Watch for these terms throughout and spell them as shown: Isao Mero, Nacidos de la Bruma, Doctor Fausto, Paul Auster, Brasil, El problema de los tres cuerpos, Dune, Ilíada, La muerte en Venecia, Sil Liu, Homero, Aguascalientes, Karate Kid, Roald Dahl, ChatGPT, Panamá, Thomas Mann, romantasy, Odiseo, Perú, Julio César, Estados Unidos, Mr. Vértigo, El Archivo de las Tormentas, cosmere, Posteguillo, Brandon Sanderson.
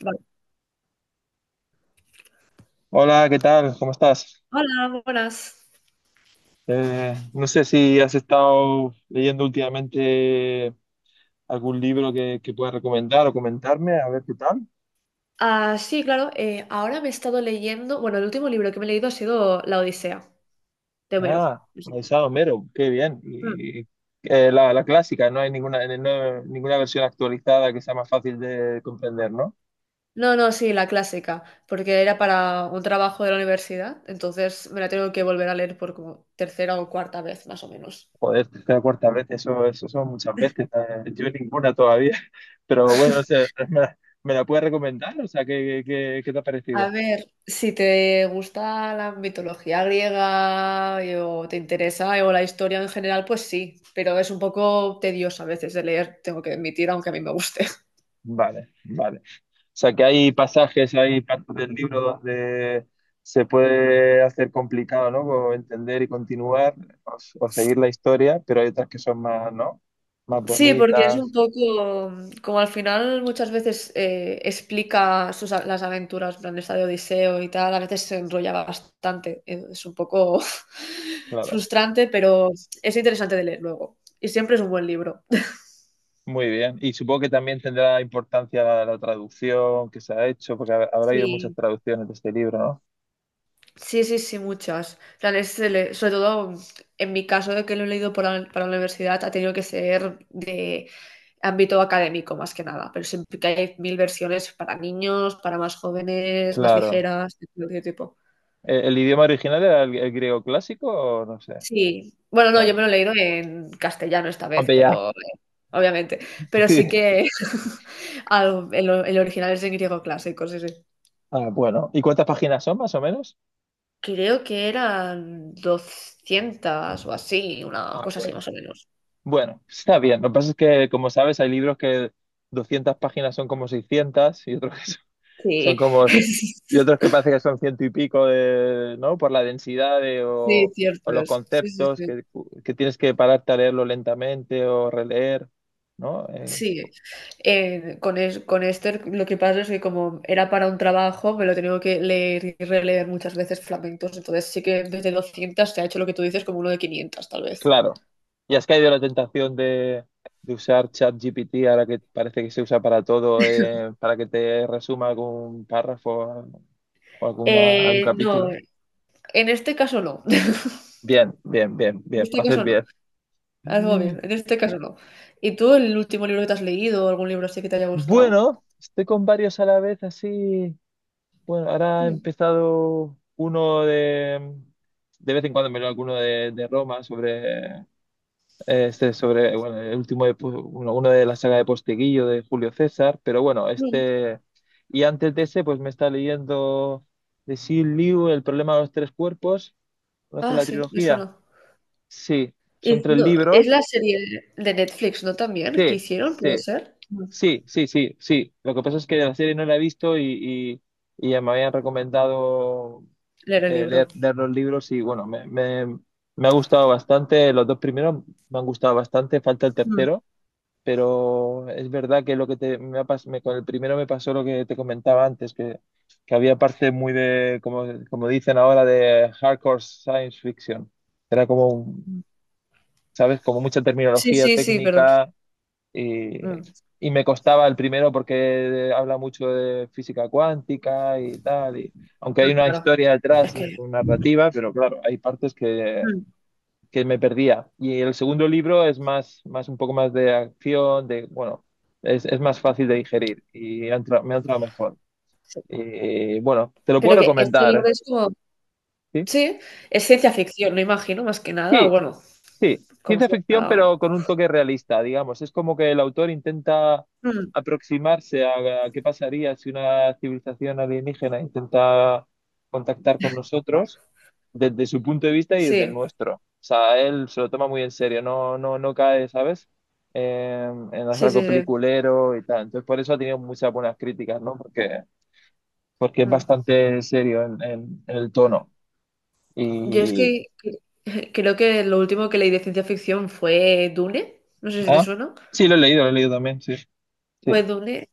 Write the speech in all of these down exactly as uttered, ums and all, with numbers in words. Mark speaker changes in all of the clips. Speaker 1: Vale.
Speaker 2: Hola, ¿qué tal? ¿Cómo estás?
Speaker 1: Hola, buenas.
Speaker 2: Eh, no sé si has estado leyendo últimamente algún libro que, que puedas recomendar o comentarme, a ver qué tal.
Speaker 1: Ah, sí, claro, eh, ahora me he estado leyendo, bueno, el último libro que me he leído ha sido La Odisea, de Homero.
Speaker 2: Ah, Isao Mero, qué bien.
Speaker 1: Mm.
Speaker 2: Y, eh, la, la clásica, no hay ninguna, eh, no- ninguna versión actualizada que sea más fácil de comprender, ¿no?
Speaker 1: No, no, sí, la clásica, porque era para un trabajo de la universidad, entonces me la tengo que volver a leer por como tercera o cuarta vez, más o menos.
Speaker 2: Joder, la cuarta vez, eso, eso son muchas veces. eh, Yo ninguna todavía, pero bueno, no sé, ¿me, la me la puedes recomendar? O sea, ¿qué, qué, qué te ha
Speaker 1: A
Speaker 2: parecido?
Speaker 1: ver, si te gusta la mitología griega y- o te interesa o la historia en general, pues sí, pero es un poco tedioso a veces de leer, tengo que admitir, aunque a mí me guste.
Speaker 2: Vale, vale. O sea, que hay pasajes, hay partes del libro donde se puede hacer complicado, ¿no? Como entender y continuar o, s- o seguir la historia, pero hay otras que son más, ¿no? Más
Speaker 1: Sí, porque es un
Speaker 2: bonitas,
Speaker 1: poco como al final muchas veces eh, explica sus, a- las aventuras, en plan esta de Odiseo y tal, a veces se enrolla bastante, eh, es un poco
Speaker 2: claro.
Speaker 1: frustrante, pero es interesante de leer luego y siempre es un buen libro.
Speaker 2: Muy bien. Y supongo que también tendrá importancia la, la traducción que se ha hecho, porque ha- habrá habido muchas
Speaker 1: Sí.
Speaker 2: traducciones de este libro, ¿no?
Speaker 1: Sí, sí, sí, muchas. En plan, es el- sobre todo en mi caso de que lo he leído por la- para la universidad, ha tenido que ser de ámbito académico más que nada, pero siempre que hay mil versiones para niños, para más jóvenes, más
Speaker 2: Claro.
Speaker 1: ligeras, de cualquier tipo.
Speaker 2: ¿El, el idioma original era el, el griego clásico o no sé?
Speaker 1: Sí, bueno, no, yo
Speaker 2: Vale.
Speaker 1: me lo he leído en castellano esta vez,
Speaker 2: Aunque ya.
Speaker 1: pero eh, obviamente, pero sí
Speaker 2: Sí.
Speaker 1: que al- el, el original es en griego clásico, sí, sí.
Speaker 2: Ah, bueno. ¿Y cuántas páginas son más o menos?
Speaker 1: Creo que eran doscientas o así, una
Speaker 2: Ah,
Speaker 1: cosa así más
Speaker 2: bueno.
Speaker 1: o menos.
Speaker 2: Bueno, está bien. Lo que pasa es que, como sabes, hay libros que doscientas páginas son como seiscientas y otros que son son
Speaker 1: Sí,
Speaker 2: como... Y otros que parece que son ciento y pico de, ¿no? Por la densidad de-
Speaker 1: sí,
Speaker 2: o, o
Speaker 1: cierto
Speaker 2: los
Speaker 1: es. Sí, sí,
Speaker 2: conceptos
Speaker 1: sí.
Speaker 2: que, que tienes que pararte a leerlo lentamente o releer, ¿no? Eh,
Speaker 1: Sí. Eh, con, es- con Esther lo que pasa es que como era para un trabajo, me lo he tenido que leer y releer muchas veces flamencos, entonces sí que desde doscientas se ha hecho lo que tú dices como uno de quinientas tal vez.
Speaker 2: claro. Y has caído en la tentación de, de usar ChatGPT ahora que parece que se usa para todo, eh, para que te resuma algún párrafo o alguna, algún
Speaker 1: Eh, no,
Speaker 2: capítulo.
Speaker 1: en este caso no,
Speaker 2: Bien, bien, bien,
Speaker 1: en
Speaker 2: bien.
Speaker 1: este
Speaker 2: Haces
Speaker 1: caso no,
Speaker 2: bien.
Speaker 1: algo
Speaker 2: Mm.
Speaker 1: bien, en este caso no. ¿Y tú el último libro que te has leído o algún libro así que te haya gustado?
Speaker 2: Bueno, estoy con varios a la vez, así. Bueno, ahora he
Speaker 1: Mm,
Speaker 2: empezado uno de. De vez en cuando me leo alguno de, de Roma sobre. eh, Este sobre. Bueno, el último de, Pu- uno, uno de la saga de Posteguillo de Julio César, pero bueno,
Speaker 1: mm.
Speaker 2: este. Y antes de ese, pues me está leyendo de Sil Liu, El problema de los tres cuerpos. ¿Conoce
Speaker 1: Ah,
Speaker 2: la
Speaker 1: sí, me
Speaker 2: trilogía?
Speaker 1: suena.
Speaker 2: Sí, son
Speaker 1: Es,
Speaker 2: tres
Speaker 1: no, es
Speaker 2: libros.
Speaker 1: la serie de Netflix, ¿no? También, que
Speaker 2: Sí,
Speaker 1: hicieron, puede
Speaker 2: sí.
Speaker 1: ser. Mm.
Speaker 2: Sí, sí, sí, sí. Lo que pasa es que la serie no la he visto y, y, y ya me habían recomendado
Speaker 1: Leer el
Speaker 2: eh,
Speaker 1: libro.
Speaker 2: leer, leer los libros y bueno, me, me, me ha gustado bastante. Los dos primeros me han gustado bastante, falta el
Speaker 1: Mm,
Speaker 2: tercero, pero es verdad que lo que te, me ha pas- me- con el primero me pasó lo que te comentaba antes, que, que había parte muy de, como, como dicen ahora, de hardcore science fiction. Era como, un-
Speaker 1: mm.
Speaker 2: ¿sabes? Como mucha
Speaker 1: Sí,
Speaker 2: terminología
Speaker 1: sí, sí, perdón.
Speaker 2: técnica y,
Speaker 1: Mm,
Speaker 2: y me costaba el primero porque habla mucho de física cuántica y tal, y aunque
Speaker 1: mm,
Speaker 2: hay una
Speaker 1: claro,
Speaker 2: historia
Speaker 1: es
Speaker 2: detrás, una
Speaker 1: que.
Speaker 2: narrativa, pero claro, hay partes que,
Speaker 1: mm,
Speaker 2: que me perdía. Y el segundo libro es más, más un poco más de acción, de, bueno, es, es más fácil de digerir y ha entra- me ha entrado mejor.
Speaker 1: sí.
Speaker 2: Y, bueno, te lo puedo
Speaker 1: Pero que este
Speaker 2: recomendar, ¿eh?
Speaker 1: libro es como.
Speaker 2: ¿Sí?
Speaker 1: Sí, es ciencia ficción, no imagino, más que nada. O
Speaker 2: Sí,
Speaker 1: bueno,
Speaker 2: sí,
Speaker 1: como
Speaker 2: ciencia ficción,
Speaker 1: cierta.
Speaker 2: pero con un toque realista, digamos. Es como que el autor intenta
Speaker 1: Mm,
Speaker 2: aproximarse a, a qué pasaría si una civilización alienígena intenta contactar con nosotros desde su punto de vista y desde el
Speaker 1: sí,
Speaker 2: nuestro. O sea, él se lo toma muy en serio, no, no, no cae, ¿sabes? Eh, en hacer
Speaker 1: sí, sí,
Speaker 2: algo
Speaker 1: sí.
Speaker 2: peliculero y tal. Entonces, por eso ha tenido muchas buenas críticas, ¿no? Porque, porque es
Speaker 1: Mm.
Speaker 2: bastante serio en, en- en el tono.
Speaker 1: Yo es
Speaker 2: Y.
Speaker 1: que que- creo que lo último que leí de ciencia ficción fue Dune. No sé si te
Speaker 2: ¿Ah?
Speaker 1: suena.
Speaker 2: Sí, lo he leído, lo he leído también, sí.
Speaker 1: Fue
Speaker 2: Sí.
Speaker 1: Dune.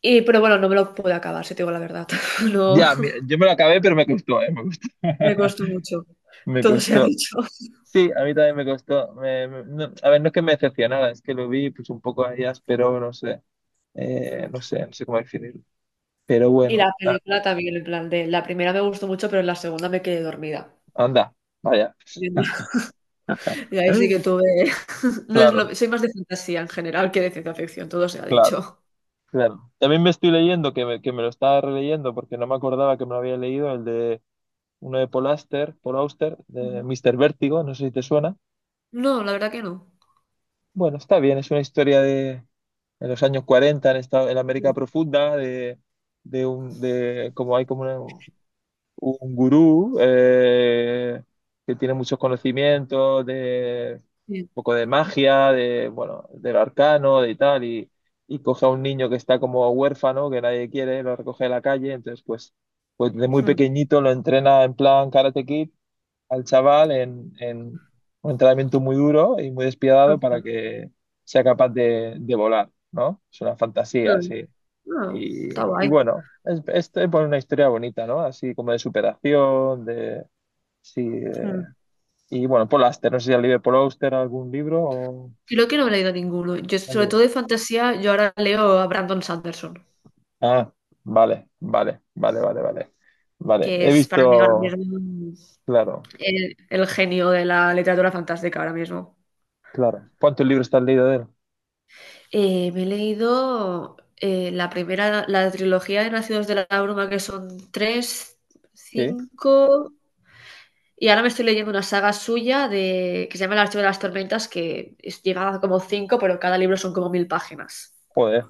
Speaker 1: Y, pero bueno, no me lo pude acabar, si te digo la verdad. No.
Speaker 2: Ya, mi- yo me lo acabé, pero me costó, ¿eh? Me costó.
Speaker 1: Me costó mucho.
Speaker 2: Me
Speaker 1: Todo se ha
Speaker 2: costó.
Speaker 1: dicho.
Speaker 2: Sí, a mí también me costó. Me- me- no- a ver, no es que me decepcionara, es que lo vi pues un poco ahí áspero, no sé. Eh,
Speaker 1: Mm.
Speaker 2: no sé, no sé cómo definirlo. Pero
Speaker 1: Y
Speaker 2: bueno,
Speaker 1: la
Speaker 2: a-
Speaker 1: película también, en plan de la primera me gustó mucho, pero en la segunda me quedé dormida.
Speaker 2: anda, vaya.
Speaker 1: Y ahí sí que tuve. No es
Speaker 2: Claro,
Speaker 1: lo. Soy más de fantasía en general que de ciencia ficción, todo se ha
Speaker 2: claro,
Speaker 1: dicho.
Speaker 2: claro. También me estoy leyendo, que me, que me lo estaba releyendo porque no me acordaba que me lo había leído, el de uno de Paul Auster, Paul Auster, de
Speaker 1: Ujú.
Speaker 2: míster Vértigo, no sé si te suena.
Speaker 1: No, la verdad que no.
Speaker 2: Bueno, está bien, es una historia de en los años cuarenta en, esta, en la América
Speaker 1: Mm.
Speaker 2: profunda, de, de un, de como hay como una- un gurú eh, que tiene muchos conocimientos de un
Speaker 1: Bien.
Speaker 2: poco de magia, de bueno, del arcano, de tal, y, y coge a un niño que está como huérfano, que nadie quiere, lo recoge de la calle, entonces pues, pues de muy
Speaker 1: Mm.
Speaker 2: pequeñito lo entrena en plan Karate Kid al chaval en, en un entrenamiento muy duro y muy despiadado para
Speaker 1: Ostras.
Speaker 2: que sea capaz de, de volar, ¿no? Es una fantasía,
Speaker 1: Mm.
Speaker 2: sí.
Speaker 1: No, está
Speaker 2: Y, y
Speaker 1: guay.
Speaker 2: bueno, es, es, es una historia bonita, ¿no? Así como de superación, de... Sí,
Speaker 1: Mm.
Speaker 2: eh, y bueno, Paul Auster, no sé si has leído Paul Auster algún libro o...
Speaker 1: Creo que no he leído ninguno. Yo,
Speaker 2: ¿Has
Speaker 1: sobre
Speaker 2: leído?
Speaker 1: todo de fantasía, yo ahora leo a Brandon Sanderson,
Speaker 2: Ah, vale, vale, vale, vale, vale. Vale,
Speaker 1: que
Speaker 2: he
Speaker 1: es para mí ahora
Speaker 2: visto,
Speaker 1: mismo
Speaker 2: claro,
Speaker 1: el, el genio de la literatura fantástica ahora mismo.
Speaker 2: claro. ¿Cuántos libros te has leído de él?
Speaker 1: Eh, me he leído eh, la primera, la trilogía de Nacidos de la Bruma, que son tres,
Speaker 2: Sí,
Speaker 1: cinco, y ahora me estoy leyendo una saga suya de, que se llama El Archivo de las Tormentas, que es- llega a como cinco, pero cada libro son como mil páginas.
Speaker 2: joder.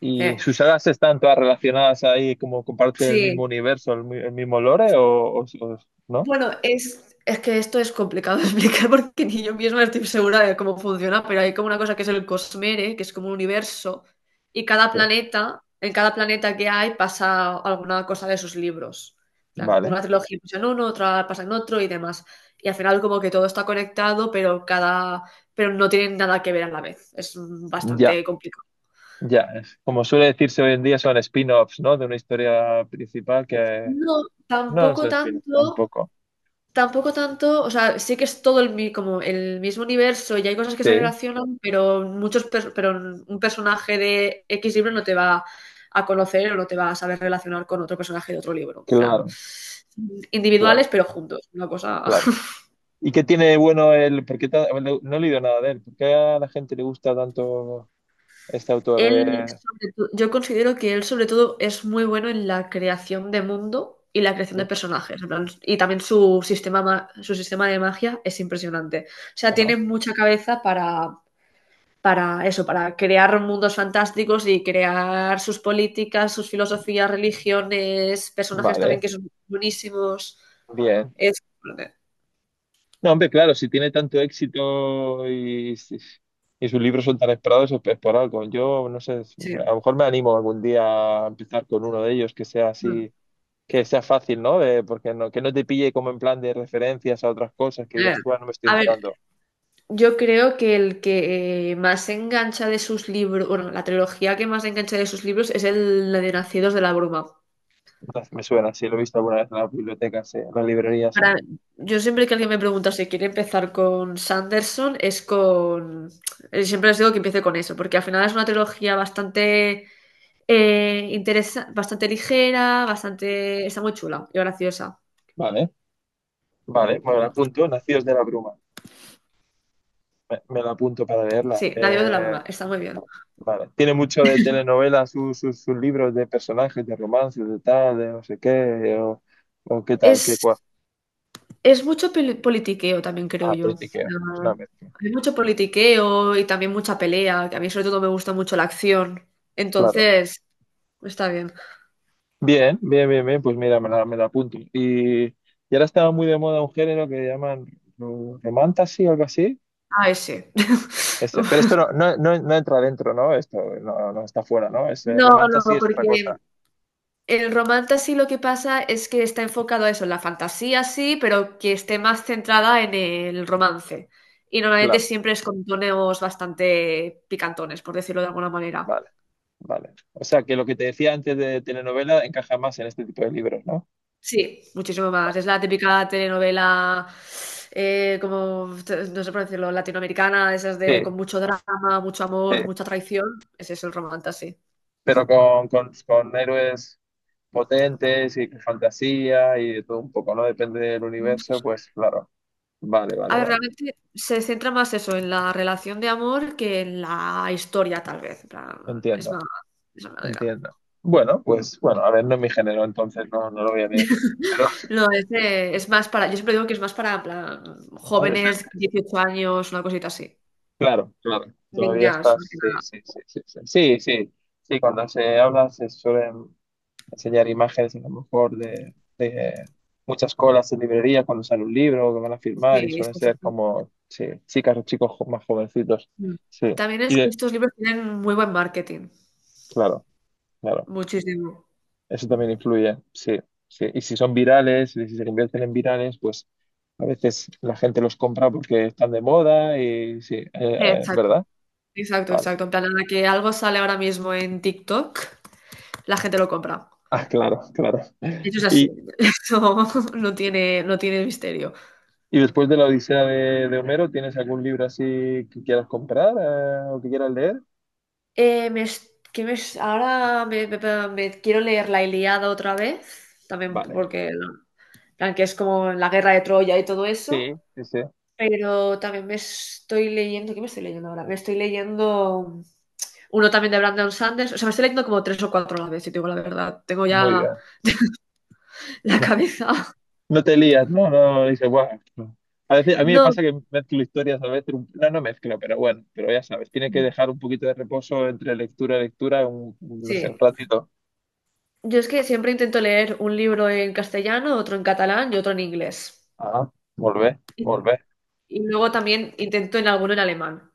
Speaker 2: ¿Y
Speaker 1: Eh,
Speaker 2: sus sagas están todas relacionadas ahí, como comparten el mismo
Speaker 1: sí.
Speaker 2: universo, el, mi- el mismo lore, o, o- o no?
Speaker 1: Bueno, es, es que esto es complicado de explicar porque ni yo misma estoy segura de cómo funciona, pero hay como una cosa que es el cosmere, que es como un universo, y cada
Speaker 2: Sí.
Speaker 1: planeta, en cada planeta que hay pasa alguna cosa de sus libros. En plan,
Speaker 2: Vale,
Speaker 1: una trilogía pasa en uno, otra pasa en otro y demás. Y al final como que todo está conectado, pero cada, pero no tienen nada que ver a la vez. Es mm,
Speaker 2: ya,
Speaker 1: bastante complicado.
Speaker 2: ya. Es- Como suele decirse hoy en día, son spin-offs, ¿no? De una historia principal que
Speaker 1: No,
Speaker 2: no, no
Speaker 1: tampoco
Speaker 2: son spin-offs
Speaker 1: tanto.
Speaker 2: tampoco.
Speaker 1: Tampoco tanto, o sea, sí que es todo el, mi- como el mismo universo y hay cosas que se
Speaker 2: Sí,
Speaker 1: relacionan, pero muchos per- pero un personaje de X libro no te va a conocer o no te va a saber relacionar con otro personaje de otro libro. En plan,
Speaker 2: claro, claro,
Speaker 1: individuales pero juntos, una cosa.
Speaker 2: claro. ¿Y qué tiene de bueno el...? ¿Por qué ta- no no he leído nada de él. ¿Por qué a la gente le gusta tanto este autor?
Speaker 1: Él,
Speaker 2: Eh,
Speaker 1: sobre to- yo considero que él sobre todo es muy bueno en la creación de mundo y la creación
Speaker 2: sí,
Speaker 1: de personajes. En plan, y también su sistema, ma- su sistema de magia es impresionante. O sea,
Speaker 2: ajá.
Speaker 1: tiene mucha cabeza para eso, para crear mundos fantásticos y crear sus políticas, sus filosofías, religiones, personajes también
Speaker 2: Vale,
Speaker 1: que son buenísimos.
Speaker 2: bien.
Speaker 1: Es,
Speaker 2: No, hombre, claro, si tiene tanto éxito y, si, y sus libros son tan esperados, es es por algo. Yo no sé,
Speaker 1: sí.
Speaker 2: a lo mejor me animo algún día a empezar con uno de ellos que sea
Speaker 1: Mm.
Speaker 2: así, que sea fácil, ¿no? De- porque no, que no te pille como en plan de referencias a otras cosas que
Speaker 1: Eh,
Speaker 2: digas tú, "Ah, no me estoy
Speaker 1: A ver,
Speaker 2: enterando."
Speaker 1: yo creo que el que eh, más engancha de sus libros, bueno, la trilogía que más engancha de sus libros es el la de Nacidos de la Bruma.
Speaker 2: Entonces, me suena, sí, lo he visto alguna vez en las bibliotecas, sí, en las librerías, sí.
Speaker 1: Para- yo siempre que alguien me pregunta si quiere empezar con Sanderson, es con. eh, Siempre les digo que empiece con eso, porque al final es una trilogía bastante Eh, interesa- bastante ligera, bastante. Está muy chula y graciosa.
Speaker 2: Vale, vale, me la apunto, Nacidos de la Bruma. Me, me la apunto para leerla.
Speaker 1: Sí, la digo de la
Speaker 2: Eh,
Speaker 1: broma, está muy bien.
Speaker 2: Vale. Tiene mucho de telenovela sus sus- sus libros de personajes, de romances, de tal, de no sé qué, o, o qué tal, qué
Speaker 1: Es,
Speaker 2: cual.
Speaker 1: es mucho peli- politiqueo también, creo
Speaker 2: Ah,
Speaker 1: yo.
Speaker 2: politiqueo. Es
Speaker 1: Ah,
Speaker 2: una mezcla.
Speaker 1: hay mucho politiqueo y también mucha pelea, que a mí sobre todo me gusta mucho la acción.
Speaker 2: Claro.
Speaker 1: Entonces, está bien.
Speaker 2: Bien, bien, bien, bien. Pues mira, me la, me la apunto. Y, y ahora estaba muy de moda un género que llaman ro- romantasy o algo así.
Speaker 1: Ah, ese.
Speaker 2: Ese. Pero esto no, no, no, no entra dentro, ¿no? Esto no, no está fuera, ¿no? Ese
Speaker 1: No,
Speaker 2: romantasy
Speaker 1: no,
Speaker 2: es otra
Speaker 1: porque
Speaker 2: cosa.
Speaker 1: El romance sí lo que pasa es que está enfocado a eso, en la fantasía sí, pero que esté más centrada en el romance. Y normalmente
Speaker 2: Claro.
Speaker 1: siempre es con tonos bastante picantones, por decirlo de alguna manera.
Speaker 2: Vale, vale. O sea que lo que te decía antes de telenovela encaja más en este tipo de libros, ¿no?
Speaker 1: Sí, muchísimo más. Es la típica telenovela, eh, como, no sé por decirlo, latinoamericana, de esas de
Speaker 2: Sí,
Speaker 1: con mucho drama, mucho
Speaker 2: sí.
Speaker 1: amor, mucha traición. Ese es el romance, sí.
Speaker 2: Pero con, con, con héroes potentes y con fantasía y de todo un poco, ¿no? Depende del universo, pues claro. Vale,
Speaker 1: A
Speaker 2: vale,
Speaker 1: ver,
Speaker 2: vale.
Speaker 1: realmente se centra más eso, en la relación de amor que en la historia, tal vez. En plan, es
Speaker 2: Entiendo,
Speaker 1: más, de esa manera.
Speaker 2: entiendo. Bueno, pues bueno, a ver, no es mi género, entonces no, no lo voy a leer. Pero
Speaker 1: No, es, de- es más para, yo siempre digo que es más para, en plan, jóvenes,
Speaker 2: adolescente,
Speaker 1: dieciocho años, una cosita así.
Speaker 2: claro, claro. Todavía
Speaker 1: Niñas, más
Speaker 2: estás,
Speaker 1: que
Speaker 2: sí,
Speaker 1: nada.
Speaker 2: sí, sí, sí, sí. Sí, sí. Sí, cuando se habla se suelen enseñar imágenes a lo mejor de, de muchas colas en librería cuando sale un libro que van a firmar
Speaker 1: Sí,
Speaker 2: y
Speaker 1: es
Speaker 2: suelen
Speaker 1: sí,
Speaker 2: ser
Speaker 1: sí.
Speaker 2: como sí, chicas o chicos jo- más jovencitos.
Speaker 1: Mm.
Speaker 2: Sí,
Speaker 1: También
Speaker 2: y
Speaker 1: es que
Speaker 2: de,
Speaker 1: estos libros tienen muy buen marketing.
Speaker 2: claro, claro,
Speaker 1: Muchísimo.
Speaker 2: eso también influye, sí, sí. Y si son virales, y si se convierten en virales, pues a veces la gente los compra porque están de moda y sí, eh, eh,
Speaker 1: Exacto,
Speaker 2: ¿verdad?
Speaker 1: exacto,
Speaker 2: Vale.
Speaker 1: exacto. En plan, a la que algo sale ahora mismo en TikTok, la gente lo compra.
Speaker 2: Ah, claro, claro.
Speaker 1: Eso es así.
Speaker 2: Y,
Speaker 1: Eso no tiene, no tiene misterio.
Speaker 2: y después de la Odisea de, de Homero, ¿tienes algún libro así que quieras comprar eh, o que quieras leer?
Speaker 1: Eh, me es- que me es- Ahora me, me- me- me quiero leer La Ilíada otra vez, también
Speaker 2: Vale.
Speaker 1: porque la- plan, que es como la guerra de Troya y todo
Speaker 2: Sí,
Speaker 1: eso,
Speaker 2: sí, sí.
Speaker 1: pero también me estoy leyendo, ¿qué me estoy leyendo ahora? Me estoy leyendo uno también de Brandon Sanders, o sea, me estoy leyendo como tres o cuatro a la vez, si te digo la verdad, tengo
Speaker 2: Muy
Speaker 1: ya
Speaker 2: bien.
Speaker 1: la
Speaker 2: No,
Speaker 1: cabeza.
Speaker 2: no te lías, ¿no? No, no, dice "Buah, no." A veces, a mí me
Speaker 1: No,
Speaker 2: pasa que mezclo historias, a veces, un- no, no mezclo, pero bueno, pero ya sabes, tiene que dejar un poquito de reposo entre lectura y lectura, un, un- no sé,
Speaker 1: sí,
Speaker 2: un ratito.
Speaker 1: yo es que siempre intento leer un libro en castellano, otro en catalán y otro en inglés.
Speaker 2: Ah, volver,
Speaker 1: Y,
Speaker 2: volver.
Speaker 1: y luego también intento en alguno en alemán.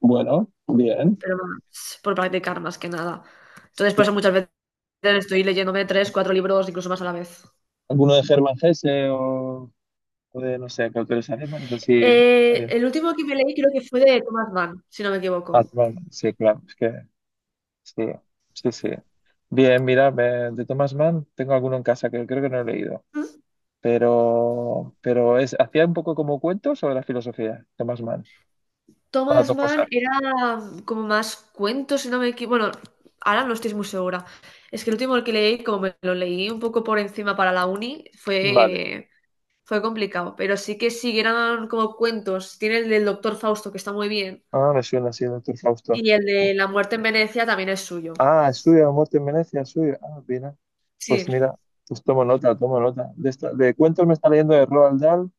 Speaker 2: Bueno, bien,
Speaker 1: Pero vamos, por practicar más que nada. Entonces, por eso
Speaker 2: claro.
Speaker 1: muchas veces estoy leyéndome tres, cuatro libros, incluso más a la vez.
Speaker 2: ¿Alguno de Germán Hesse o, o de, no sé, qué autores alemanes? Así,
Speaker 1: Eh,
Speaker 2: eh,
Speaker 1: el último que me leí creo que fue de Thomas Mann, si no me equivoco.
Speaker 2: Hartmann, sí, claro, es que sí, sí, sí. Bien, mira, me- de Thomas Mann tengo alguno en casa que creo que no he leído.
Speaker 1: ¿Mm?
Speaker 2: pero, pero es, hacía un poco como cuento sobre la filosofía, Thomas Mann. Son las
Speaker 1: Thomas
Speaker 2: dos
Speaker 1: Mann
Speaker 2: cosas.
Speaker 1: era como más cuentos, si no me equivoco. Bueno, ahora no estoy muy segura. Es que el último que leí, como me lo leí un poco por encima para la uni,
Speaker 2: Vale.
Speaker 1: fue, fue complicado. Pero sí que sí, eran como cuentos. Tiene el del Doctor Fausto, que está muy bien.
Speaker 2: Ah, me suena así, doctor Fausto.
Speaker 1: Y el de La muerte en Venecia también es suyo.
Speaker 2: Ah, es suya, la muerte en Venecia, es suya. Ah, mira. Pues
Speaker 1: Sí.
Speaker 2: mira, pues tomo nota, tomo nota. De, esta- de cuentos me está leyendo de Roald Dahl,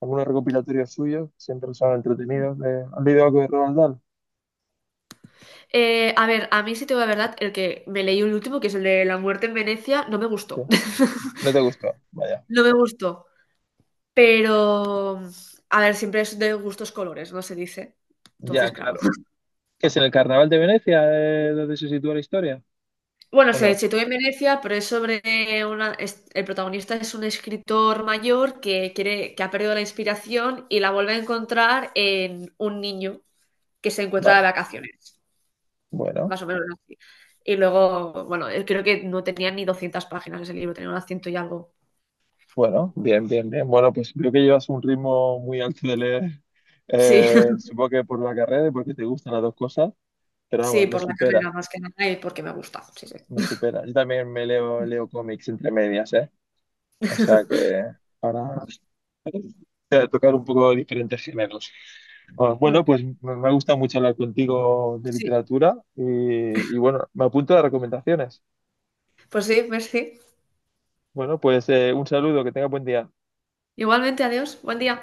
Speaker 2: algunos recopilatorios suyos, siempre son entretenidos. De, ¿has leído algo de Roald Dahl?
Speaker 1: Eh, a ver, a mí sí te digo la verdad, el que me leí el último, que es el de La muerte en Venecia, no me
Speaker 2: Sí.
Speaker 1: gustó.
Speaker 2: No te gustó, vaya.
Speaker 1: No me gustó. Pero, a ver, siempre es de gustos colores, ¿no? Se dice.
Speaker 2: Ya,
Speaker 1: Entonces, claro.
Speaker 2: claro. ¿Qué es en el Carnaval de Venecia, eh, donde se sitúa la historia?
Speaker 1: Bueno,
Speaker 2: ¿O
Speaker 1: se
Speaker 2: no?
Speaker 1: sitúa en Venecia, pero es sobre una... es- el protagonista es un escritor mayor que quiere, que ha perdido la inspiración y la vuelve a encontrar en un niño que se encuentra de
Speaker 2: Vale.
Speaker 1: vacaciones,
Speaker 2: Bueno.
Speaker 1: más o menos así. Y luego, bueno, eh, creo que no tenía ni doscientas páginas ese libro, tenía unas ciento y algo.
Speaker 2: Bueno, bien, bien, bien. Bueno, pues veo que llevas un ritmo muy alto de leer.
Speaker 1: Sí.
Speaker 2: Eh, supongo que por la carrera y porque te gustan las dos cosas, pero vamos,
Speaker 1: Sí,
Speaker 2: me
Speaker 1: por la
Speaker 2: supera,
Speaker 1: carrera más que nada y porque me gusta. Sí, sí.
Speaker 2: me supera. Yo también me leo, leo cómics entre medias, ¿eh? O sea que para eh, tocar un poco diferentes géneros. Ah, bueno,
Speaker 1: Mm.
Speaker 2: pues me me ha gustado mucho hablar contigo de
Speaker 1: Sí,
Speaker 2: literatura y, y bueno, me apunto a las recomendaciones.
Speaker 1: pues sí, merci.
Speaker 2: Bueno, pues eh, un saludo, que tenga buen día.
Speaker 1: Igualmente, adiós. Buen día.